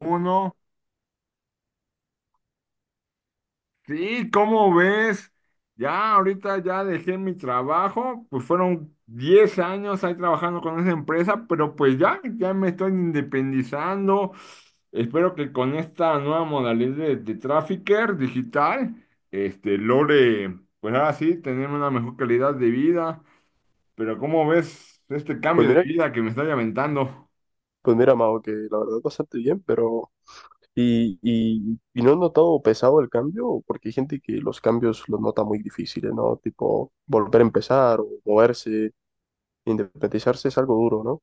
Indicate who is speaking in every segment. Speaker 1: Uno, sí, ¿cómo ves? Ya ahorita ya dejé mi trabajo, pues fueron 10 años ahí trabajando con esa empresa, pero pues ya, ya me estoy independizando. Espero que con esta nueva modalidad de trafficker digital, logre, pues ahora sí, tener una mejor calidad de vida. Pero ¿cómo ves este
Speaker 2: Pues
Speaker 1: cambio de
Speaker 2: mira,
Speaker 1: vida que me estoy aventando?
Speaker 2: pues mira, Mao, que la verdad bastante bien, pero y no he notado pesado el cambio, porque hay gente que los cambios los nota muy difíciles, ¿no? Tipo, volver a empezar o moverse, independizarse es algo duro, ¿no?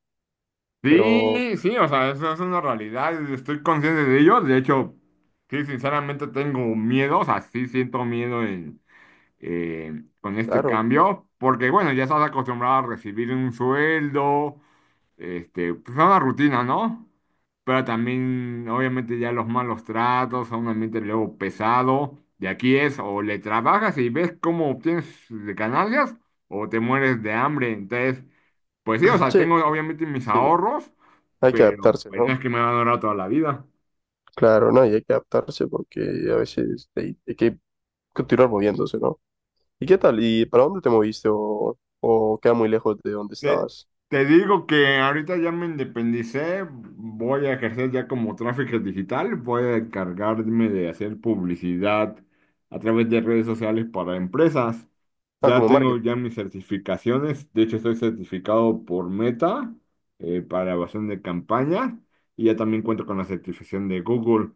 Speaker 2: Pero,
Speaker 1: Sí, sí, o sea, eso es una realidad, estoy consciente de ello, de hecho, sí, sinceramente tengo miedo, o sea, sí siento miedo en, eh, con este
Speaker 2: claro,
Speaker 1: cambio, porque bueno, ya estás acostumbrado a recibir un sueldo, pues es una rutina, ¿no? Pero también, obviamente, ya los malos tratos, a un ambiente luego pesado, de aquí es, o le trabajas y ves cómo obtienes de ganancias, o te mueres de hambre, entonces... Pues sí, o sea,
Speaker 2: sí,
Speaker 1: tengo
Speaker 2: hay que,
Speaker 1: obviamente mis
Speaker 2: sí,
Speaker 1: ahorros,
Speaker 2: hay que
Speaker 1: pero
Speaker 2: adaptarse,
Speaker 1: bueno,
Speaker 2: ¿no?
Speaker 1: es que me van a durar toda la vida.
Speaker 2: Claro, ¿no? Y hay que adaptarse porque a veces hay que continuar moviéndose, ¿no? ¿Y qué tal? ¿Y para dónde te moviste o queda muy lejos de donde
Speaker 1: te
Speaker 2: estabas?
Speaker 1: Te digo que ahorita ya me independicé, voy a ejercer ya como tráfico digital, voy a encargarme de hacer publicidad a través de redes sociales para empresas.
Speaker 2: Ah,
Speaker 1: Ya
Speaker 2: como
Speaker 1: tengo
Speaker 2: marketing.
Speaker 1: ya mis certificaciones, de hecho estoy certificado por Meta para evaluación de campañas y ya también cuento con la certificación de Google.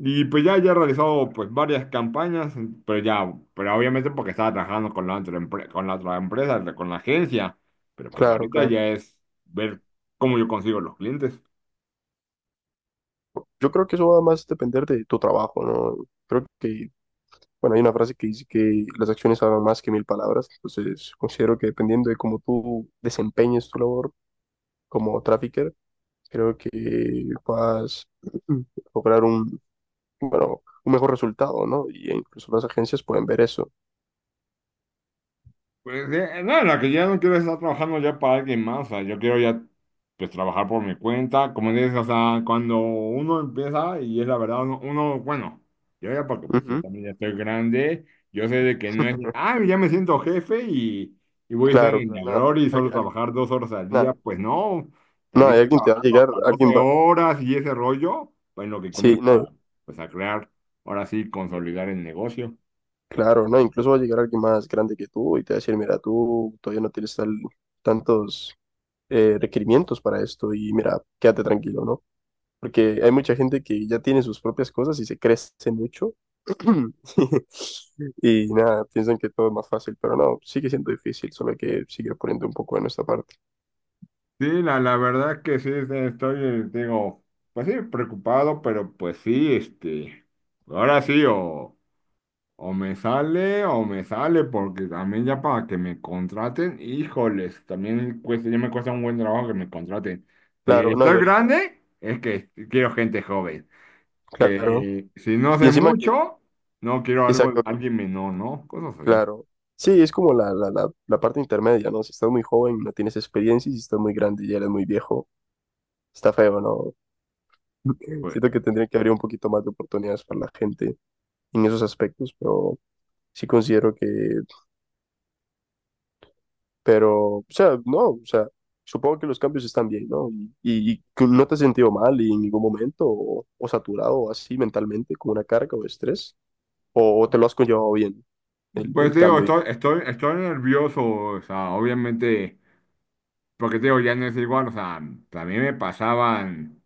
Speaker 1: Y pues ya, ya he realizado pues varias campañas, pero ya, pero obviamente porque estaba trabajando con la con la otra empresa, con la agencia, pero pues
Speaker 2: Claro,
Speaker 1: ahorita
Speaker 2: claro.
Speaker 1: ya es ver cómo yo consigo los clientes.
Speaker 2: Yo creo que eso va más a depender de tu trabajo, ¿no? Creo que, bueno, hay una frase que dice que las acciones hablan más que mil palabras, entonces considero que dependiendo de cómo tú desempeñes tu labor como trafficker, creo que vas a lograr un, bueno, un mejor resultado, ¿no? Y incluso las agencias pueden ver eso.
Speaker 1: Pues, no, la que ya no quiero es estar trabajando ya para alguien más, o sea, yo quiero ya pues trabajar por mi cuenta, como dices, o sea, cuando uno empieza y es la verdad, uno, bueno, yo ya porque pues yo
Speaker 2: Ujú.
Speaker 1: también ya estoy grande, yo sé de que no es, ah, ya me siento jefe y voy a estar
Speaker 2: Claro,
Speaker 1: en la
Speaker 2: claro, nada,
Speaker 1: gloria y solo
Speaker 2: alguien, alguien-
Speaker 1: trabajar dos horas al día,
Speaker 2: nada,
Speaker 1: pues no, también
Speaker 2: nada, y
Speaker 1: estoy
Speaker 2: alguien te va a
Speaker 1: trabajando
Speaker 2: llegar,
Speaker 1: hasta
Speaker 2: alguien
Speaker 1: 12
Speaker 2: va,
Speaker 1: horas y ese rollo, pues en lo que
Speaker 2: sí, no.
Speaker 1: comienza pues a crear, ahora sí, consolidar el negocio.
Speaker 2: Claro, ¿no? Incluso va a llegar alguien más grande que tú y te va a decir, mira, tú todavía no tienes tantos requerimientos para esto y mira, quédate tranquilo, ¿no? Porque hay mucha gente que ya tiene sus propias cosas y se crece mucho y nada, piensan que todo es más fácil, pero no, sigue siendo difícil, solo hay que seguir poniendo un poco de nuestra parte.
Speaker 1: Sí, la verdad que sí, estoy, digo, pues sí, preocupado, pero pues sí, ahora sí, o me sale, porque también ya para que me contraten, híjoles, también cuesta, ya me cuesta un buen trabajo que me contraten. Si
Speaker 2: Claro, no, y
Speaker 1: estoy
Speaker 2: ahorita,
Speaker 1: grande, es que quiero gente joven,
Speaker 2: claro.
Speaker 1: que si no
Speaker 2: Y
Speaker 1: sé
Speaker 2: encima que,
Speaker 1: mucho, no quiero algo,
Speaker 2: exacto,
Speaker 1: alguien menor, ¿no? Cosas así.
Speaker 2: claro. Sí, es como la parte intermedia, ¿no? Si estás muy joven, no tienes experiencia, y si estás muy grande, ya eres muy viejo. Está feo, ¿no?
Speaker 1: Pues,
Speaker 2: Siento que tendría que abrir un poquito más de oportunidades para la gente en esos aspectos, pero sí considero que, pero, o sea, no, o sea, supongo que los cambios están bien, ¿no? Y que no te has sentido mal y en ningún momento, o saturado o así mentalmente, con una carga o estrés, o te lo has conllevado bien, el,
Speaker 1: pues
Speaker 2: el
Speaker 1: digo,
Speaker 2: cambio.
Speaker 1: estoy nervioso, o sea, obviamente. Porque te digo, ya no es igual, o sea, también me pasaban,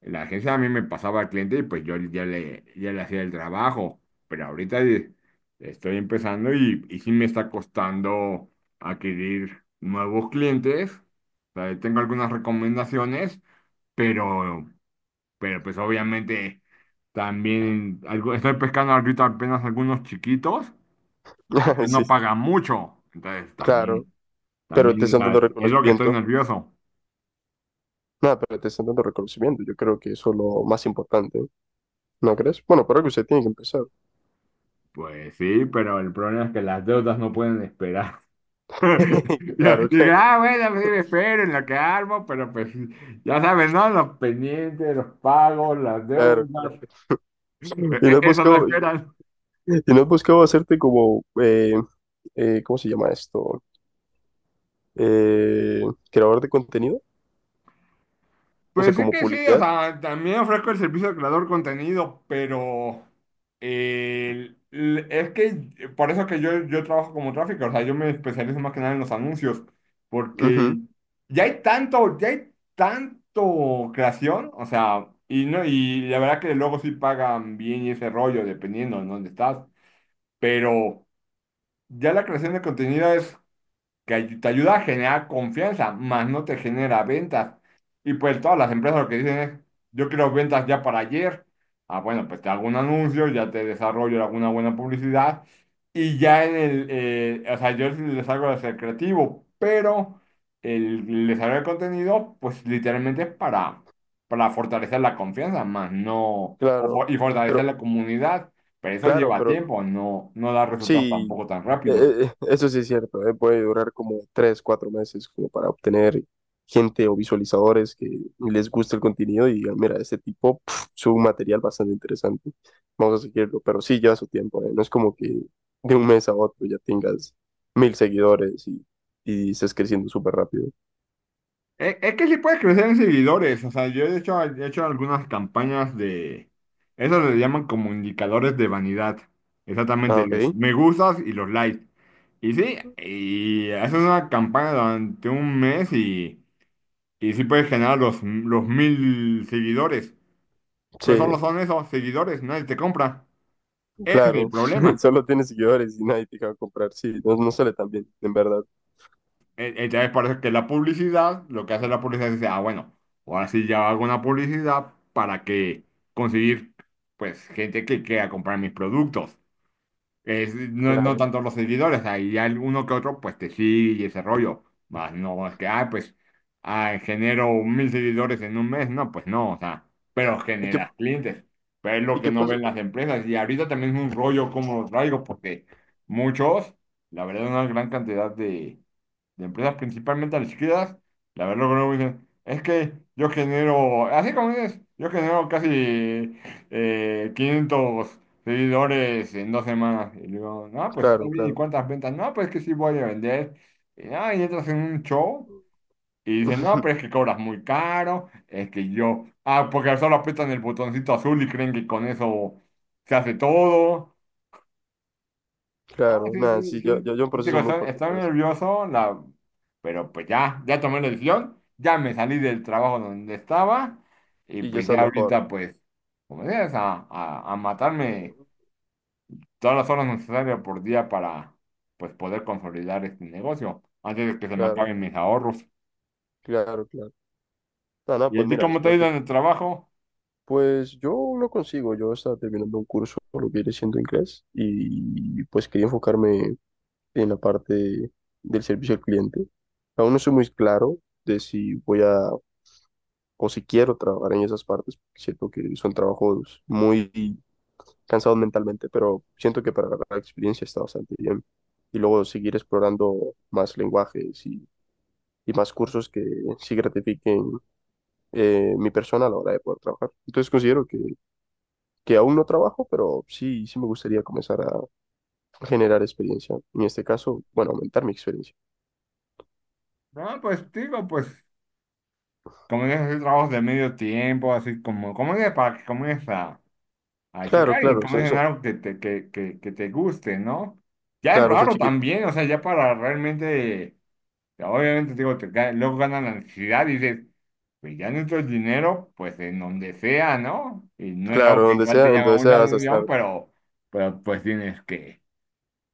Speaker 1: la agencia a mí me pasaba al cliente y pues yo ya le hacía el trabajo, pero ahorita estoy empezando y sí me está costando adquirir nuevos clientes, o sea, tengo algunas recomendaciones, pero, pero pues obviamente también algo, estoy pescando ahorita apenas algunos chiquitos, que pues
Speaker 2: Sí,
Speaker 1: no pagan mucho, entonces
Speaker 2: claro,
Speaker 1: también,
Speaker 2: pero te
Speaker 1: también, o
Speaker 2: están
Speaker 1: sea,
Speaker 2: dando
Speaker 1: es lo que estoy
Speaker 2: reconocimiento.
Speaker 1: nervioso.
Speaker 2: Nada, pero te están dando reconocimiento. Yo creo que eso es lo más importante, ¿no crees? Bueno, por algo usted tiene que empezar.
Speaker 1: Pues sí, pero el problema es que las deudas no pueden esperar. Yo
Speaker 2: Claro,
Speaker 1: dije,
Speaker 2: claro.
Speaker 1: ah, bueno, pues sí, me espero en lo que armo, pero pues ya saben, ¿no? Los pendientes, los pagos, las
Speaker 2: Claro, claro.
Speaker 1: deudas,
Speaker 2: Y no has
Speaker 1: eso no
Speaker 2: buscado,
Speaker 1: esperan.
Speaker 2: y no has buscado hacerte como, ¿cómo se llama esto? Eh, creador de contenido, o sea,
Speaker 1: Pues sí
Speaker 2: como
Speaker 1: que sí, o
Speaker 2: publicidad.
Speaker 1: sea, también ofrezco el servicio de creador de contenido, pero es que por eso que yo trabajo como tráfico, o sea, yo me especializo más que nada en los anuncios,
Speaker 2: Ujú,
Speaker 1: porque ya hay tanto creación, o sea, y no, y la verdad que luego sí pagan bien y ese rollo, dependiendo en dónde estás, pero ya la creación de contenido que te ayuda a generar confianza, más no te genera ventas. Y pues todas las empresas lo que dicen es, yo quiero ventas ya para ayer. Ah, bueno, pues te hago un anuncio, ya te desarrollo alguna buena publicidad y ya en el, o sea, yo sí les hago de ser creativo, pero el desarrollo de contenido, pues literalmente es para fortalecer la confianza, más no,
Speaker 2: claro,
Speaker 1: y fortalecer
Speaker 2: pero,
Speaker 1: la comunidad, pero eso
Speaker 2: claro,
Speaker 1: lleva
Speaker 2: pero
Speaker 1: tiempo, no, no da resultados
Speaker 2: sí,
Speaker 1: tampoco tan rápidos.
Speaker 2: eso sí es cierto, puede durar como tres, cuatro meses como para obtener gente o visualizadores que les guste el contenido y digan, mira, este tipo pf, sube un material bastante interesante, vamos a seguirlo, pero sí lleva su tiempo, no es como que de un mes a otro ya tengas 1000 seguidores y estés creciendo súper rápido.
Speaker 1: Es que sí puedes crecer en seguidores. O sea, he hecho algunas campañas de... Eso le llaman como indicadores de vanidad.
Speaker 2: Ah,
Speaker 1: Exactamente,
Speaker 2: ok,
Speaker 1: los me gustas y los likes. Y sí, y haces una campaña durante un mes y sí puedes generar los mil seguidores. Pero
Speaker 2: sí,
Speaker 1: solo son esos seguidores, nadie te compra. Ese es el
Speaker 2: claro,
Speaker 1: problema.
Speaker 2: solo tienes seguidores y nadie te va a comprar, sí, no, no sale tan bien, en verdad,
Speaker 1: Entonces parece que la publicidad, lo que hace la publicidad es decir ah, bueno, ahora sí ya hago una publicidad para que conseguir, pues, gente que quiera comprar mis productos. Es, no, no
Speaker 2: claro.
Speaker 1: tanto los seguidores, ahí hay uno que otro, pues, te sigue y ese rollo. Más no es que, ah, pues, ah, genero mil seguidores en un mes. No, pues no, o sea, pero
Speaker 2: ¿Y qué,
Speaker 1: generas clientes. Pero es lo
Speaker 2: y
Speaker 1: que
Speaker 2: qué
Speaker 1: no
Speaker 2: pasó?
Speaker 1: ven las empresas. Y ahorita también es un rollo como los traigo, porque muchos, la verdad, una gran cantidad de empresas principalmente a la izquierda, la verdad lo que no me dicen, es que yo genero, así como dices, yo genero casi 500 seguidores en dos semanas. Y digo, no, pues está
Speaker 2: Claro,
Speaker 1: bien, ¿y
Speaker 2: claro.
Speaker 1: cuántas ventas? No, pues es que sí voy a vender. Y, no, y entras en un show y dicen, no, pero es que cobras muy caro, es que yo, ah, porque solo apretan el botoncito azul y creen que con eso se hace todo. Ah,
Speaker 2: Claro,
Speaker 1: sí,
Speaker 2: nada,
Speaker 1: sí,
Speaker 2: sí, yo,
Speaker 1: sí.
Speaker 2: yo, yo un
Speaker 1: Digo,
Speaker 2: proceso muy por
Speaker 1: estoy
Speaker 2: detrás.
Speaker 1: nervioso, la... pero pues ya, ya tomé la decisión, ya me salí del trabajo donde estaba y
Speaker 2: Y ya
Speaker 1: pues
Speaker 2: estás
Speaker 1: ya
Speaker 2: mejor.
Speaker 1: ahorita pues, como dices, a
Speaker 2: eh,
Speaker 1: matarme todas las horas necesarias por día para pues poder consolidar este negocio antes de que se me
Speaker 2: Claro,
Speaker 1: acaben mis ahorros.
Speaker 2: claro, claro. Nada, nada,
Speaker 1: ¿Y a
Speaker 2: pues
Speaker 1: ti
Speaker 2: mira,
Speaker 1: cómo te ha
Speaker 2: espero
Speaker 1: ido
Speaker 2: que,
Speaker 1: en el trabajo?
Speaker 2: pues yo lo consigo, yo estaba terminando un curso por lo que viene siendo inglés y pues quería enfocarme en la parte del servicio al cliente. Aún no soy muy claro de si voy a o si quiero trabajar en esas partes, porque siento que son trabajos muy cansados mentalmente, pero siento que para la experiencia está bastante bien. Y luego seguir explorando más lenguajes y más cursos que sí gratifiquen, mi persona a la hora de poder trabajar. Entonces considero que aún no trabajo, pero sí, sí me gustaría comenzar a generar experiencia. En este caso, bueno, aumentar mi experiencia.
Speaker 1: Ah, pues digo, pues como dices, hay trabajos de medio tiempo, así como, como dices, para que comiences a
Speaker 2: Claro,
Speaker 1: checar y
Speaker 2: claro,
Speaker 1: como comer algo que te, que te guste, ¿no? Ya es
Speaker 2: claro, son
Speaker 1: raro
Speaker 2: chiquitos.
Speaker 1: también, o sea, ya para realmente, obviamente, digo, luego ganan la ansiedad y dices, pues ya necesito el dinero, pues en donde sea, ¿no? Y no es algo
Speaker 2: Claro,
Speaker 1: que
Speaker 2: donde
Speaker 1: igual
Speaker 2: sea,
Speaker 1: te llama
Speaker 2: entonces
Speaker 1: mucha
Speaker 2: sea vas a estar.
Speaker 1: atención, pero pues tienes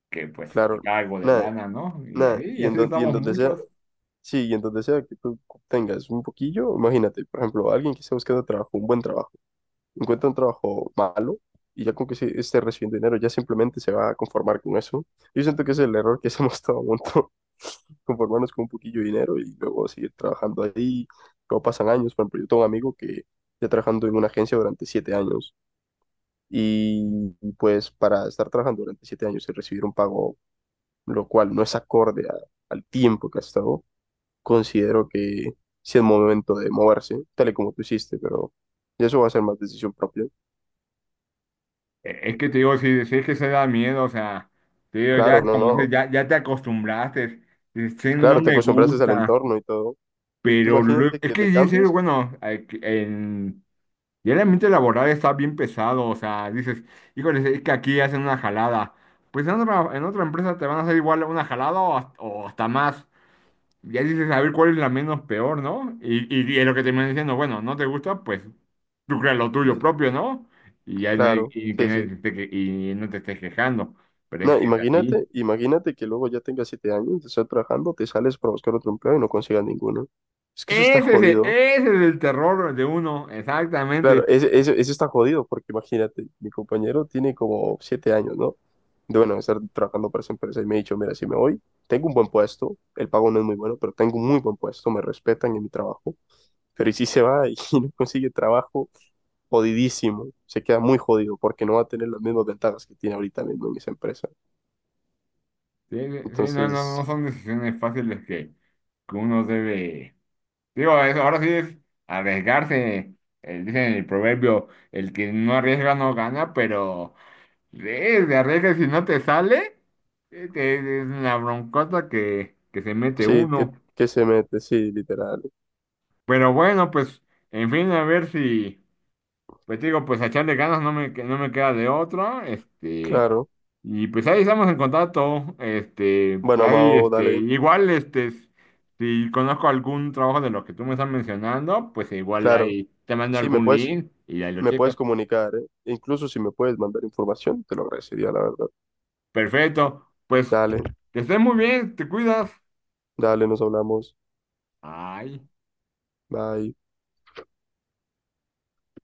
Speaker 1: que pues,
Speaker 2: Claro,
Speaker 1: sacar algo de
Speaker 2: nada,
Speaker 1: lana, ¿no?
Speaker 2: nada.
Speaker 1: Y
Speaker 2: Y en,
Speaker 1: así
Speaker 2: don- y en
Speaker 1: estamos
Speaker 2: donde sea,
Speaker 1: muchos.
Speaker 2: sí, y en donde sea que tú tengas un poquillo, imagínate, por ejemplo, alguien que esté buscando trabajo, un buen trabajo encuentra un trabajo malo y ya con que se esté recibiendo dinero, ya simplemente se va a conformar con eso. Yo siento que ese es el error que hacemos todo el mundo, conformarnos con un poquillo de dinero y luego seguir trabajando ahí. Luego pasan años, por ejemplo, yo tengo un amigo que está trabajando en una agencia durante 7 años y pues para estar trabajando durante 7 años y recibir un pago, lo cual no es acorde a-, al tiempo que has estado, considero que sí es momento de moverse, tal y como tú hiciste, pero ya eso va a ser más decisión propia.
Speaker 1: Es que te digo, si es que se da miedo, o sea, te digo, ya,
Speaker 2: Claro, no,
Speaker 1: como
Speaker 2: no.
Speaker 1: dices, ya, ya te acostumbraste, dices, "Chin, no
Speaker 2: Claro, te
Speaker 1: me
Speaker 2: acostumbraste al
Speaker 1: gusta.
Speaker 2: entorno y todo. Y tú
Speaker 1: Pero
Speaker 2: imagínate
Speaker 1: es
Speaker 2: que
Speaker 1: que,
Speaker 2: te
Speaker 1: en serio,
Speaker 2: cambies.
Speaker 1: bueno, ya el ambiente laboral está bien pesado, o sea, dices, híjole, es que aquí hacen una jalada. Pues en otra empresa te van a hacer igual una jalada o hasta más. Ya dices, a ver cuál es la menos peor, ¿no? Y es lo que te van diciendo, bueno, no te gusta, pues tú creas lo tuyo
Speaker 2: Ve,
Speaker 1: propio, ¿no? Y ya
Speaker 2: claro,
Speaker 1: y que
Speaker 2: sí,
Speaker 1: nadie te
Speaker 2: sí.
Speaker 1: esté y no te estés quejando, pero es
Speaker 2: No,
Speaker 1: que es así.
Speaker 2: imagínate, imagínate que luego ya tengas 7 años, te estás trabajando, te sales para buscar otro empleo y no consigas ninguno. Es que eso está jodido.
Speaker 1: Ese es el terror de uno, exactamente.
Speaker 2: Claro, eso está jodido porque imagínate, mi compañero tiene como 7 años, ¿no? De bueno, estar trabajando para esa empresa y me ha dicho, mira, si me voy, tengo un buen puesto, el pago no es muy bueno, pero tengo un muy buen puesto, me respetan en mi trabajo. Pero ¿y si se va y no consigue trabajo? Jodidísimo, se queda muy jodido porque no va a tener las mismas ventajas que tiene ahorita mismo en esa empresa.
Speaker 1: Sí, sí, no, no,
Speaker 2: Entonces,
Speaker 1: no son decisiones fáciles que uno debe. Digo, eso ahora sí es arriesgarse. El, dicen en el proverbio, el que no arriesga no gana, pero de arriesgas si no te sale, es una broncota que se mete
Speaker 2: sí,
Speaker 1: uno.
Speaker 2: que se mete, sí, literal.
Speaker 1: Pero bueno, pues, en fin, a ver si. Pues te digo, pues a echarle ganas no me queda de otra,
Speaker 2: Claro.
Speaker 1: y pues ahí estamos en contacto,
Speaker 2: Bueno,
Speaker 1: pues ahí,
Speaker 2: Amado, dale.
Speaker 1: igual, si conozco algún trabajo de los que tú me estás mencionando, pues igual
Speaker 2: Claro.
Speaker 1: ahí te mando
Speaker 2: Sí,
Speaker 1: algún link y ahí lo
Speaker 2: me puedes
Speaker 1: checas.
Speaker 2: comunicar, ¿eh? Incluso si me puedes mandar información, te lo agradecería, la verdad.
Speaker 1: Perfecto, pues
Speaker 2: Dale,
Speaker 1: que estés muy bien, te cuidas.
Speaker 2: dale, nos hablamos.
Speaker 1: Ay.
Speaker 2: Bye.